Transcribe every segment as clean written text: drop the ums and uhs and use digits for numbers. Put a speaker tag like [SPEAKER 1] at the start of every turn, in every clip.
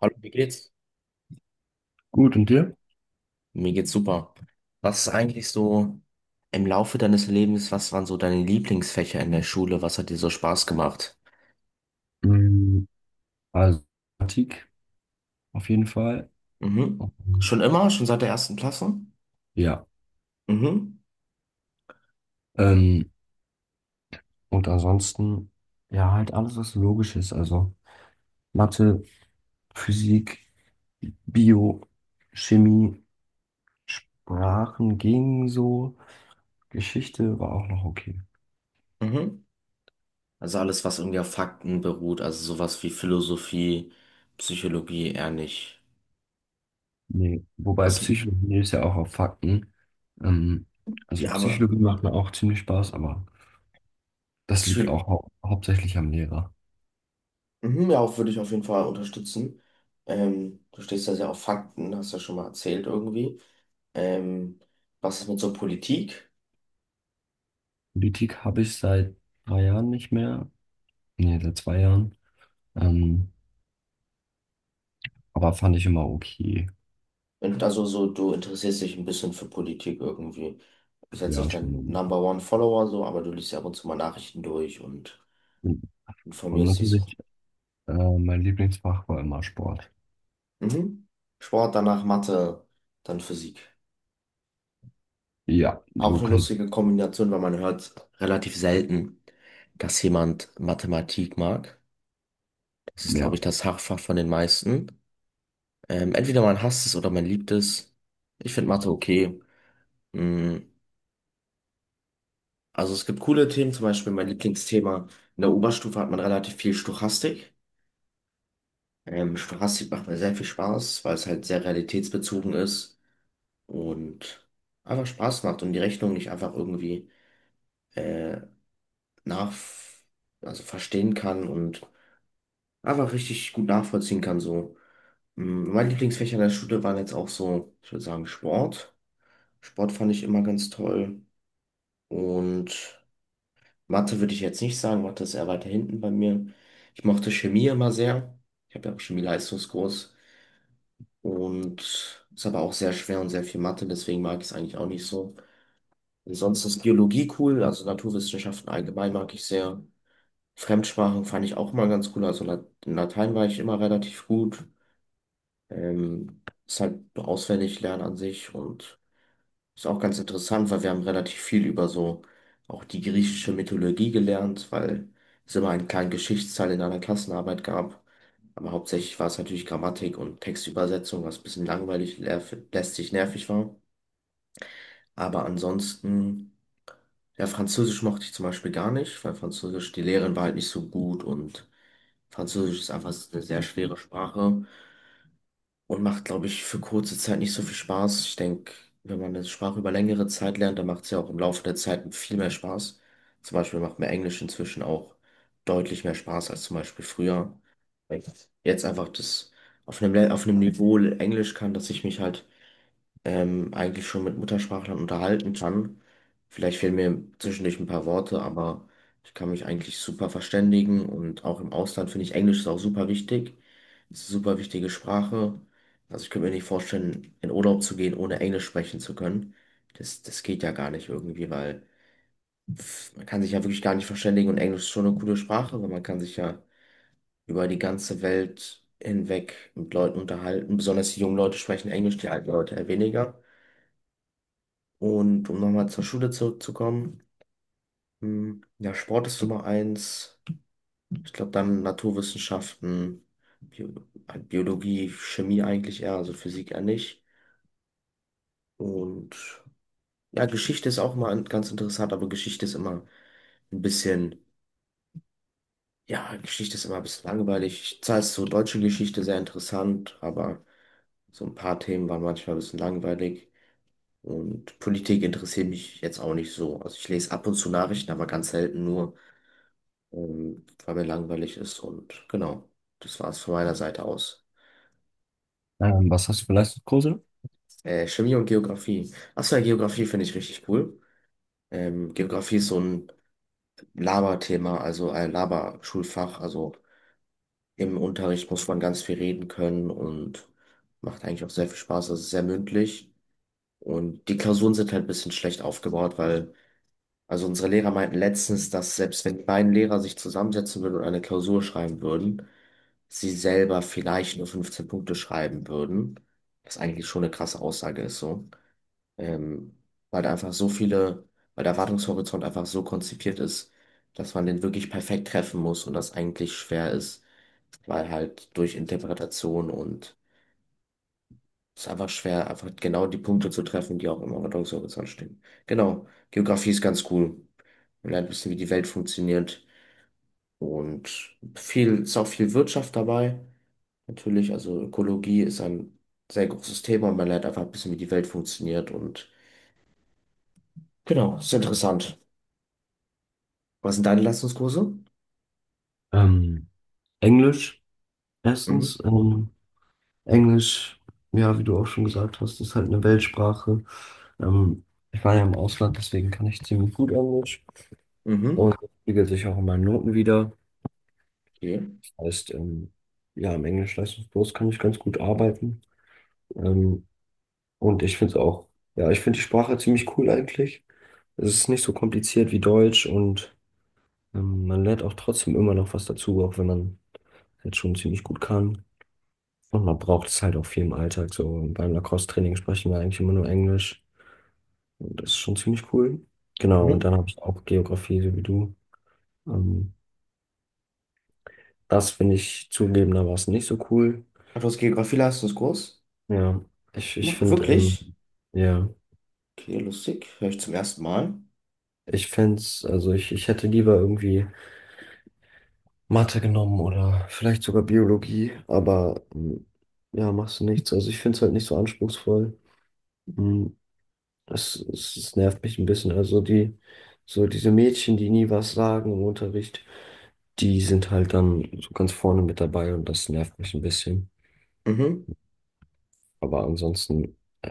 [SPEAKER 1] Hallo, wie geht's?
[SPEAKER 2] Gut, und dir?
[SPEAKER 1] Mir geht's super. Was ist eigentlich so im Laufe deines Lebens, was waren so deine Lieblingsfächer in der Schule? Was hat dir so Spaß gemacht?
[SPEAKER 2] Mm, Also, Mathematik auf jeden Fall.
[SPEAKER 1] Mhm. Schon
[SPEAKER 2] Und
[SPEAKER 1] immer? Schon seit der ersten Klasse?
[SPEAKER 2] ja,
[SPEAKER 1] Mhm.
[SPEAKER 2] ähm, und ansonsten, ja, halt alles, was logisch ist. Also, Mathe, Physik, Bio, Chemie, Sprachen ging so. Geschichte war auch noch okay.
[SPEAKER 1] Mhm. Also alles, was irgendwie auf Fakten beruht, also sowas wie Philosophie, Psychologie eher nicht.
[SPEAKER 2] Nee, wobei
[SPEAKER 1] Was?
[SPEAKER 2] Psychologie ist ja auch auf Fakten. Ähm, also,
[SPEAKER 1] Ja, aber
[SPEAKER 2] Psychologie macht mir auch ziemlich Spaß, aber das
[SPEAKER 1] Psy
[SPEAKER 2] liegt auch hauptsächlich am Lehrer.
[SPEAKER 1] mhm, ja, auch würde ich auf jeden Fall unterstützen. Du stehst ja sehr auf Fakten, hast ja schon mal erzählt irgendwie. Ähm, Was ist mit so Politik?
[SPEAKER 2] Politik habe ich seit 3 Jahren nicht mehr. Nee, seit 2 Jahren. Ähm, aber fand ich immer okay.
[SPEAKER 1] Und also so, du interessierst dich ein bisschen für Politik irgendwie. Du bist jetzt
[SPEAKER 2] Ja,
[SPEAKER 1] nicht dein
[SPEAKER 2] schon.
[SPEAKER 1] Number One Follower so, aber du liest ja ab und zu mal Nachrichten durch und
[SPEAKER 2] Und
[SPEAKER 1] informierst dich so.
[SPEAKER 2] natürlich, mein Lieblingsfach war immer Sport.
[SPEAKER 1] Mhm. Sport, danach Mathe, dann Physik.
[SPEAKER 2] Ja,
[SPEAKER 1] Auch
[SPEAKER 2] so
[SPEAKER 1] eine
[SPEAKER 2] kann,
[SPEAKER 1] lustige Kombination, weil man hört relativ selten, dass jemand Mathematik mag. Das ist,
[SPEAKER 2] ja.
[SPEAKER 1] glaube ich, das Hauptfach von den meisten. Entweder man hasst es oder man liebt es. Ich finde Mathe okay. Mm, Also es gibt coole Themen, zum Beispiel mein Lieblingsthema. In der Oberstufe hat man relativ viel Stochastik. Stochastik macht mir sehr viel Spaß, weil es halt sehr realitätsbezogen ist und einfach Spaß macht und die Rechnung nicht einfach irgendwie äh, nach, also verstehen kann und einfach richtig gut nachvollziehen kann. So. Meine Lieblingsfächer in der Schule waren jetzt auch so, ich würde sagen, Sport. Sport fand ich immer ganz toll und Mathe würde ich jetzt nicht sagen, Mathe ist eher weiter hinten bei mir. Ich mochte Chemie immer sehr. Ich habe ja auch Chemie-Leistungskurs. Und ist aber auch sehr schwer und sehr viel Mathe, deswegen mag ich es eigentlich auch nicht so. Ansonsten ist Geologie cool, also Naturwissenschaften allgemein mag ich sehr. Fremdsprachen fand ich auch mal ganz cool, also in Latein war ich immer relativ gut. Ist halt auswendig lernen an sich und ist auch ganz interessant, weil wir haben relativ viel über so auch die griechische Mythologie gelernt, weil es immer einen kleinen Geschichtsteil in einer Klassenarbeit gab. Aber hauptsächlich war es natürlich Grammatik und Textübersetzung, was ein bisschen langweilig, lästig, nervig war. Aber ansonsten, ja, Französisch mochte ich zum Beispiel gar nicht, weil Französisch, die Lehrerin war halt nicht so gut und Französisch ist einfach eine sehr schwere Sprache. Und macht, glaube ich, für kurze Zeit nicht so viel Spaß. Ich denke, wenn man eine Sprache über längere Zeit lernt, dann macht es ja auch im Laufe der Zeit viel mehr Spaß. Zum Beispiel macht mir Englisch inzwischen auch deutlich mehr Spaß als zum Beispiel früher. Weil ich jetzt einfach das auf einem Niveau Englisch kann, dass ich mich halt eigentlich schon mit Muttersprachlern unterhalten kann. Vielleicht fehlen mir zwischendurch ein paar Worte, aber ich kann mich eigentlich super verständigen und auch im Ausland finde ich Englisch ist auch super wichtig. Es ist eine super wichtige Sprache. Also ich könnte mir nicht vorstellen, in Urlaub zu gehen, ohne Englisch sprechen zu können. Das geht ja gar nicht irgendwie, weil pff, man kann sich ja wirklich gar nicht verständigen und Englisch ist schon eine coole Sprache, weil man kann sich ja über die ganze Welt hinweg mit Leuten unterhalten. Besonders die jungen Leute sprechen Englisch, die alten Leute eher weniger. Und um nochmal zur Schule zurückzukommen, ja, Sport ist Nummer 1. Ich glaube, dann Naturwissenschaften, Bio Biologie, Chemie eigentlich eher, also Physik eher nicht. Und ja, Geschichte ist auch mal ganz interessant, aber ein bisschen, ja, Geschichte ist immer ein bisschen langweilig. Zwar ist so deutsche Geschichte sehr interessant, aber so ein paar Themen waren manchmal ein bisschen langweilig. Und Politik interessiert mich jetzt auch nicht so. Also ich lese ab und zu Nachrichten, aber ganz selten nur. Weil mir langweilig ist und genau, das war es von meiner Seite aus.
[SPEAKER 2] Was hast du für Leistungskurse?
[SPEAKER 1] Chemie und Geografie. Achso, ja, Geografie finde ich richtig cool. Geografie ist so ein Laberthema, also ein Laberschulfach. Also im Unterricht muss man ganz viel reden können und macht eigentlich auch sehr viel Spaß. Es ist sehr mündlich und die Klausuren sind halt ein bisschen schlecht aufgebaut, weil also unsere Lehrer meinten letztens, dass selbst wenn die beiden Lehrer sich zusammensetzen würden und eine Klausur schreiben würden, sie selber vielleicht nur 15 Punkte schreiben würden. Was eigentlich schon eine krasse Aussage ist, so. Ähm, weil da einfach so viele, weil der Erwartungshorizont einfach so konzipiert ist, dass man den wirklich perfekt treffen muss und das eigentlich schwer ist, weil halt durch Interpretation und ist einfach schwer, einfach genau die Punkte zu treffen, die auch im Ordnungshorizont stehen. Genau. Geografie ist ganz cool. Man lernt ein bisschen, wie die Welt funktioniert. Und ist auch viel Wirtschaft dabei. Natürlich, also Ökologie ist ein sehr großes Thema und man lernt einfach ein bisschen, wie die Welt funktioniert. Und genau, ist interessant. Was sind deine Leistungskurse?
[SPEAKER 2] Ähm, Englisch,
[SPEAKER 1] Mhm.
[SPEAKER 2] erstens. Englisch, ja, wie du auch schon gesagt hast, ist halt eine Weltsprache. Ähm, ich war ja im Ausland, deswegen kann ich ziemlich gut Englisch.
[SPEAKER 1] Mhm.
[SPEAKER 2] Und das spiegelt sich auch in meinen Noten wieder.
[SPEAKER 1] Okay.
[SPEAKER 2] Das heißt, ja, im Englisch-Leistungskurs kann ich ganz gut arbeiten. Ähm, Und ich finde es auch, ja, ich finde die Sprache ziemlich cool eigentlich. Es ist nicht so kompliziert wie Deutsch und man lernt auch trotzdem immer noch was dazu, auch wenn man halt schon ziemlich gut kann. Und man braucht es halt auch viel im Alltag. So beim Lacrosse-Training sprechen wir eigentlich immer nur Englisch. Und das ist schon ziemlich cool. Genau, und dann
[SPEAKER 1] Mhm.
[SPEAKER 2] habe ich auch Geografie, so wie du. Ähm, das finde ich zugegebenermaßen nicht so cool.
[SPEAKER 1] Du hast Geografie-Leistungskurs?
[SPEAKER 2] Ja, ich finde,
[SPEAKER 1] Wirklich?
[SPEAKER 2] ja,
[SPEAKER 1] Okay, lustig. Hör ich zum ersten Mal.
[SPEAKER 2] ich fände es, also ich hätte lieber irgendwie. Mathe genommen oder vielleicht sogar Biologie, aber ja, machst du nichts. Also ich finde es halt nicht so anspruchsvoll. Mm, es nervt mich ein bisschen. Also die, so diese Mädchen, die nie was sagen im Unterricht, die sind halt dann so ganz vorne mit dabei und das nervt mich ein bisschen.
[SPEAKER 1] Mhm.
[SPEAKER 2] Aber ansonsten, äh,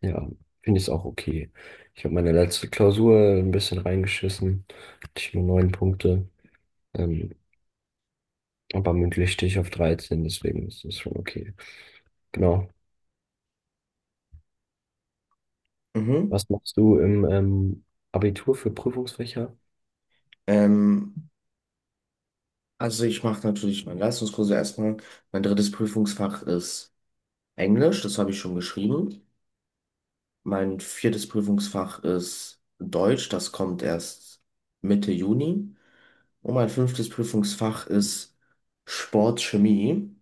[SPEAKER 2] ja, finde ich es auch okay. Ich habe meine letzte Klausur ein bisschen reingeschissen, hatte ich nur neun Punkte, ähm, aber mündlich stehe ich auf 13. Deswegen ist das schon okay. Genau.
[SPEAKER 1] Mhm.
[SPEAKER 2] Was machst du im Abitur für Prüfungsfächer?
[SPEAKER 1] Ähm, Also ich mache natürlich meine Leistungskurse erstmal. Mein drittes Prüfungsfach ist Englisch, das habe ich schon geschrieben. Mein viertes Prüfungsfach ist Deutsch, das kommt erst Mitte Juni. Und mein fünftes Prüfungsfach ist Sportchemie.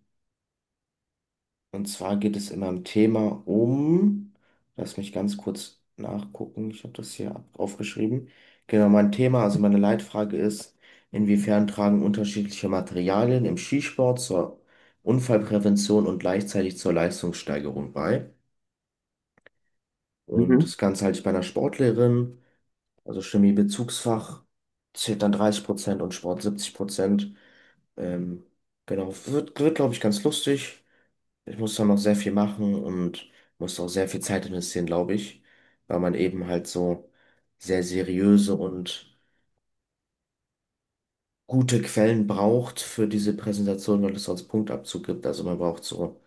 [SPEAKER 1] Und zwar geht es in meinem Thema um, lass mich ganz kurz nachgucken, ich habe das hier aufgeschrieben. Genau, mein Thema, also meine Leitfrage ist, inwiefern tragen unterschiedliche Materialien im Skisport zur Unfallprävention und gleichzeitig zur Leistungssteigerung bei? Und
[SPEAKER 2] Mhm.
[SPEAKER 1] das Ganze halte ich bei einer Sportlehrerin, also Chemie-Bezugsfach zählt dann 30% und Sport 70%. Ähm, genau, wird glaube ich, ganz lustig. Ich muss da noch sehr viel machen und muss auch sehr viel Zeit investieren, glaube ich, weil man eben halt so sehr seriöse und gute Quellen braucht für diese Präsentation, weil es sonst Punktabzug gibt. Also man braucht so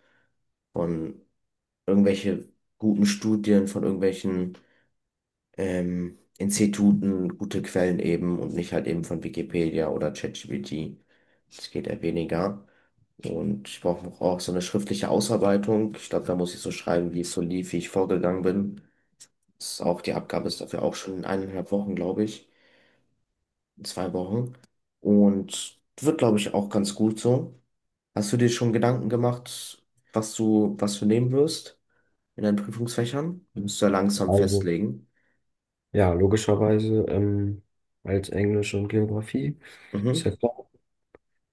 [SPEAKER 1] von irgendwelche guten Studien, von irgendwelchen Instituten gute Quellen eben und nicht halt eben von Wikipedia oder ChatGPT. Das geht eher weniger. Und ich brauche auch so eine schriftliche Ausarbeitung. Ich glaube, da muss ich so schreiben, wie es so lief, wie ich vorgegangen bin. Das ist auch, die Abgabe ist dafür auch schon in eineinhalb Wochen, glaube ich. In 2 Wochen. Und wird, glaube ich, auch ganz gut so. Hast du dir schon Gedanken gemacht, was du nehmen wirst in deinen Prüfungsfächern? Die musst du ja langsam
[SPEAKER 2] Also,
[SPEAKER 1] festlegen.
[SPEAKER 2] ja, logischerweise als Englisch und Geografie, ist
[SPEAKER 1] Mhm,
[SPEAKER 2] ja klar.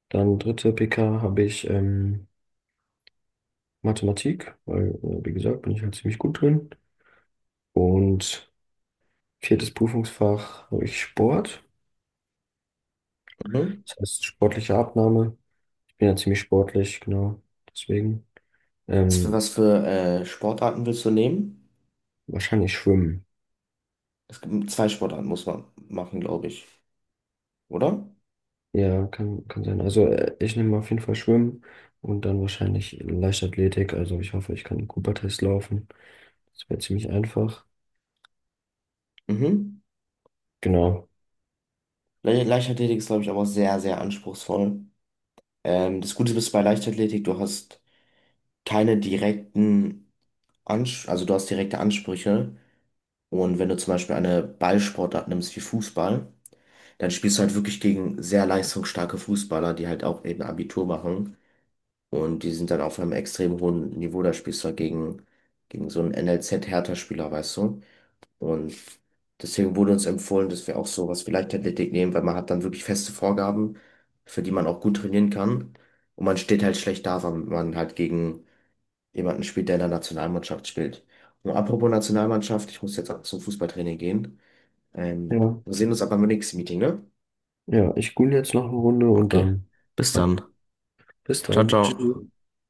[SPEAKER 2] Dann dritte PK habe ich Mathematik, weil, wie gesagt, bin ich halt ziemlich gut drin. Und viertes Prüfungsfach habe ich Sport,
[SPEAKER 1] mhm.
[SPEAKER 2] das heißt sportliche Abnahme. Ich bin ja ziemlich sportlich, genau, deswegen.
[SPEAKER 1] Was für,
[SPEAKER 2] Ähm,
[SPEAKER 1] was für äh, Sportarten willst du nehmen?
[SPEAKER 2] wahrscheinlich Schwimmen.
[SPEAKER 1] Es gibt zwei Sportarten, muss man machen, glaube ich. Oder?
[SPEAKER 2] Ja, kann sein. Also ich nehme auf jeden Fall Schwimmen und dann wahrscheinlich Leichtathletik. Also ich hoffe, ich kann den Cooper-Test laufen. Das wäre ziemlich einfach.
[SPEAKER 1] Mhm.
[SPEAKER 2] Genau.
[SPEAKER 1] Leichtathletik ist, glaube ich, aber sehr, sehr anspruchsvoll. Das Gute ist bei Leichtathletik, du hast keine direkten. Ans Also du hast direkte Ansprüche. Und wenn du zum Beispiel eine Ballsportart nimmst wie Fußball, dann spielst du halt wirklich gegen sehr leistungsstarke Fußballer, die halt auch eben Abitur machen. Und die sind dann auf einem extrem hohen Niveau. Da spielst du halt gegen so einen NLZ-Hertha-Spieler, weißt du. Und deswegen wurde uns empfohlen, dass wir auch sowas wie Leichtathletik nehmen, weil man hat dann wirklich feste Vorgaben, für die man auch gut trainieren kann. Und man steht halt schlecht da, weil man halt gegen jemanden spielt, der in der Nationalmannschaft spielt. Und apropos Nationalmannschaft, ich muss jetzt auch zum Fußballtraining gehen.
[SPEAKER 2] Ja.
[SPEAKER 1] Ähm, Wir sehen uns aber beim nächsten Meeting, ne?
[SPEAKER 2] Ja, ich google jetzt noch eine Runde und
[SPEAKER 1] Okay,
[SPEAKER 2] dann.
[SPEAKER 1] bis
[SPEAKER 2] Ja.
[SPEAKER 1] dann.
[SPEAKER 2] Bis
[SPEAKER 1] Ciao,
[SPEAKER 2] dann. Tschüss.
[SPEAKER 1] ciao.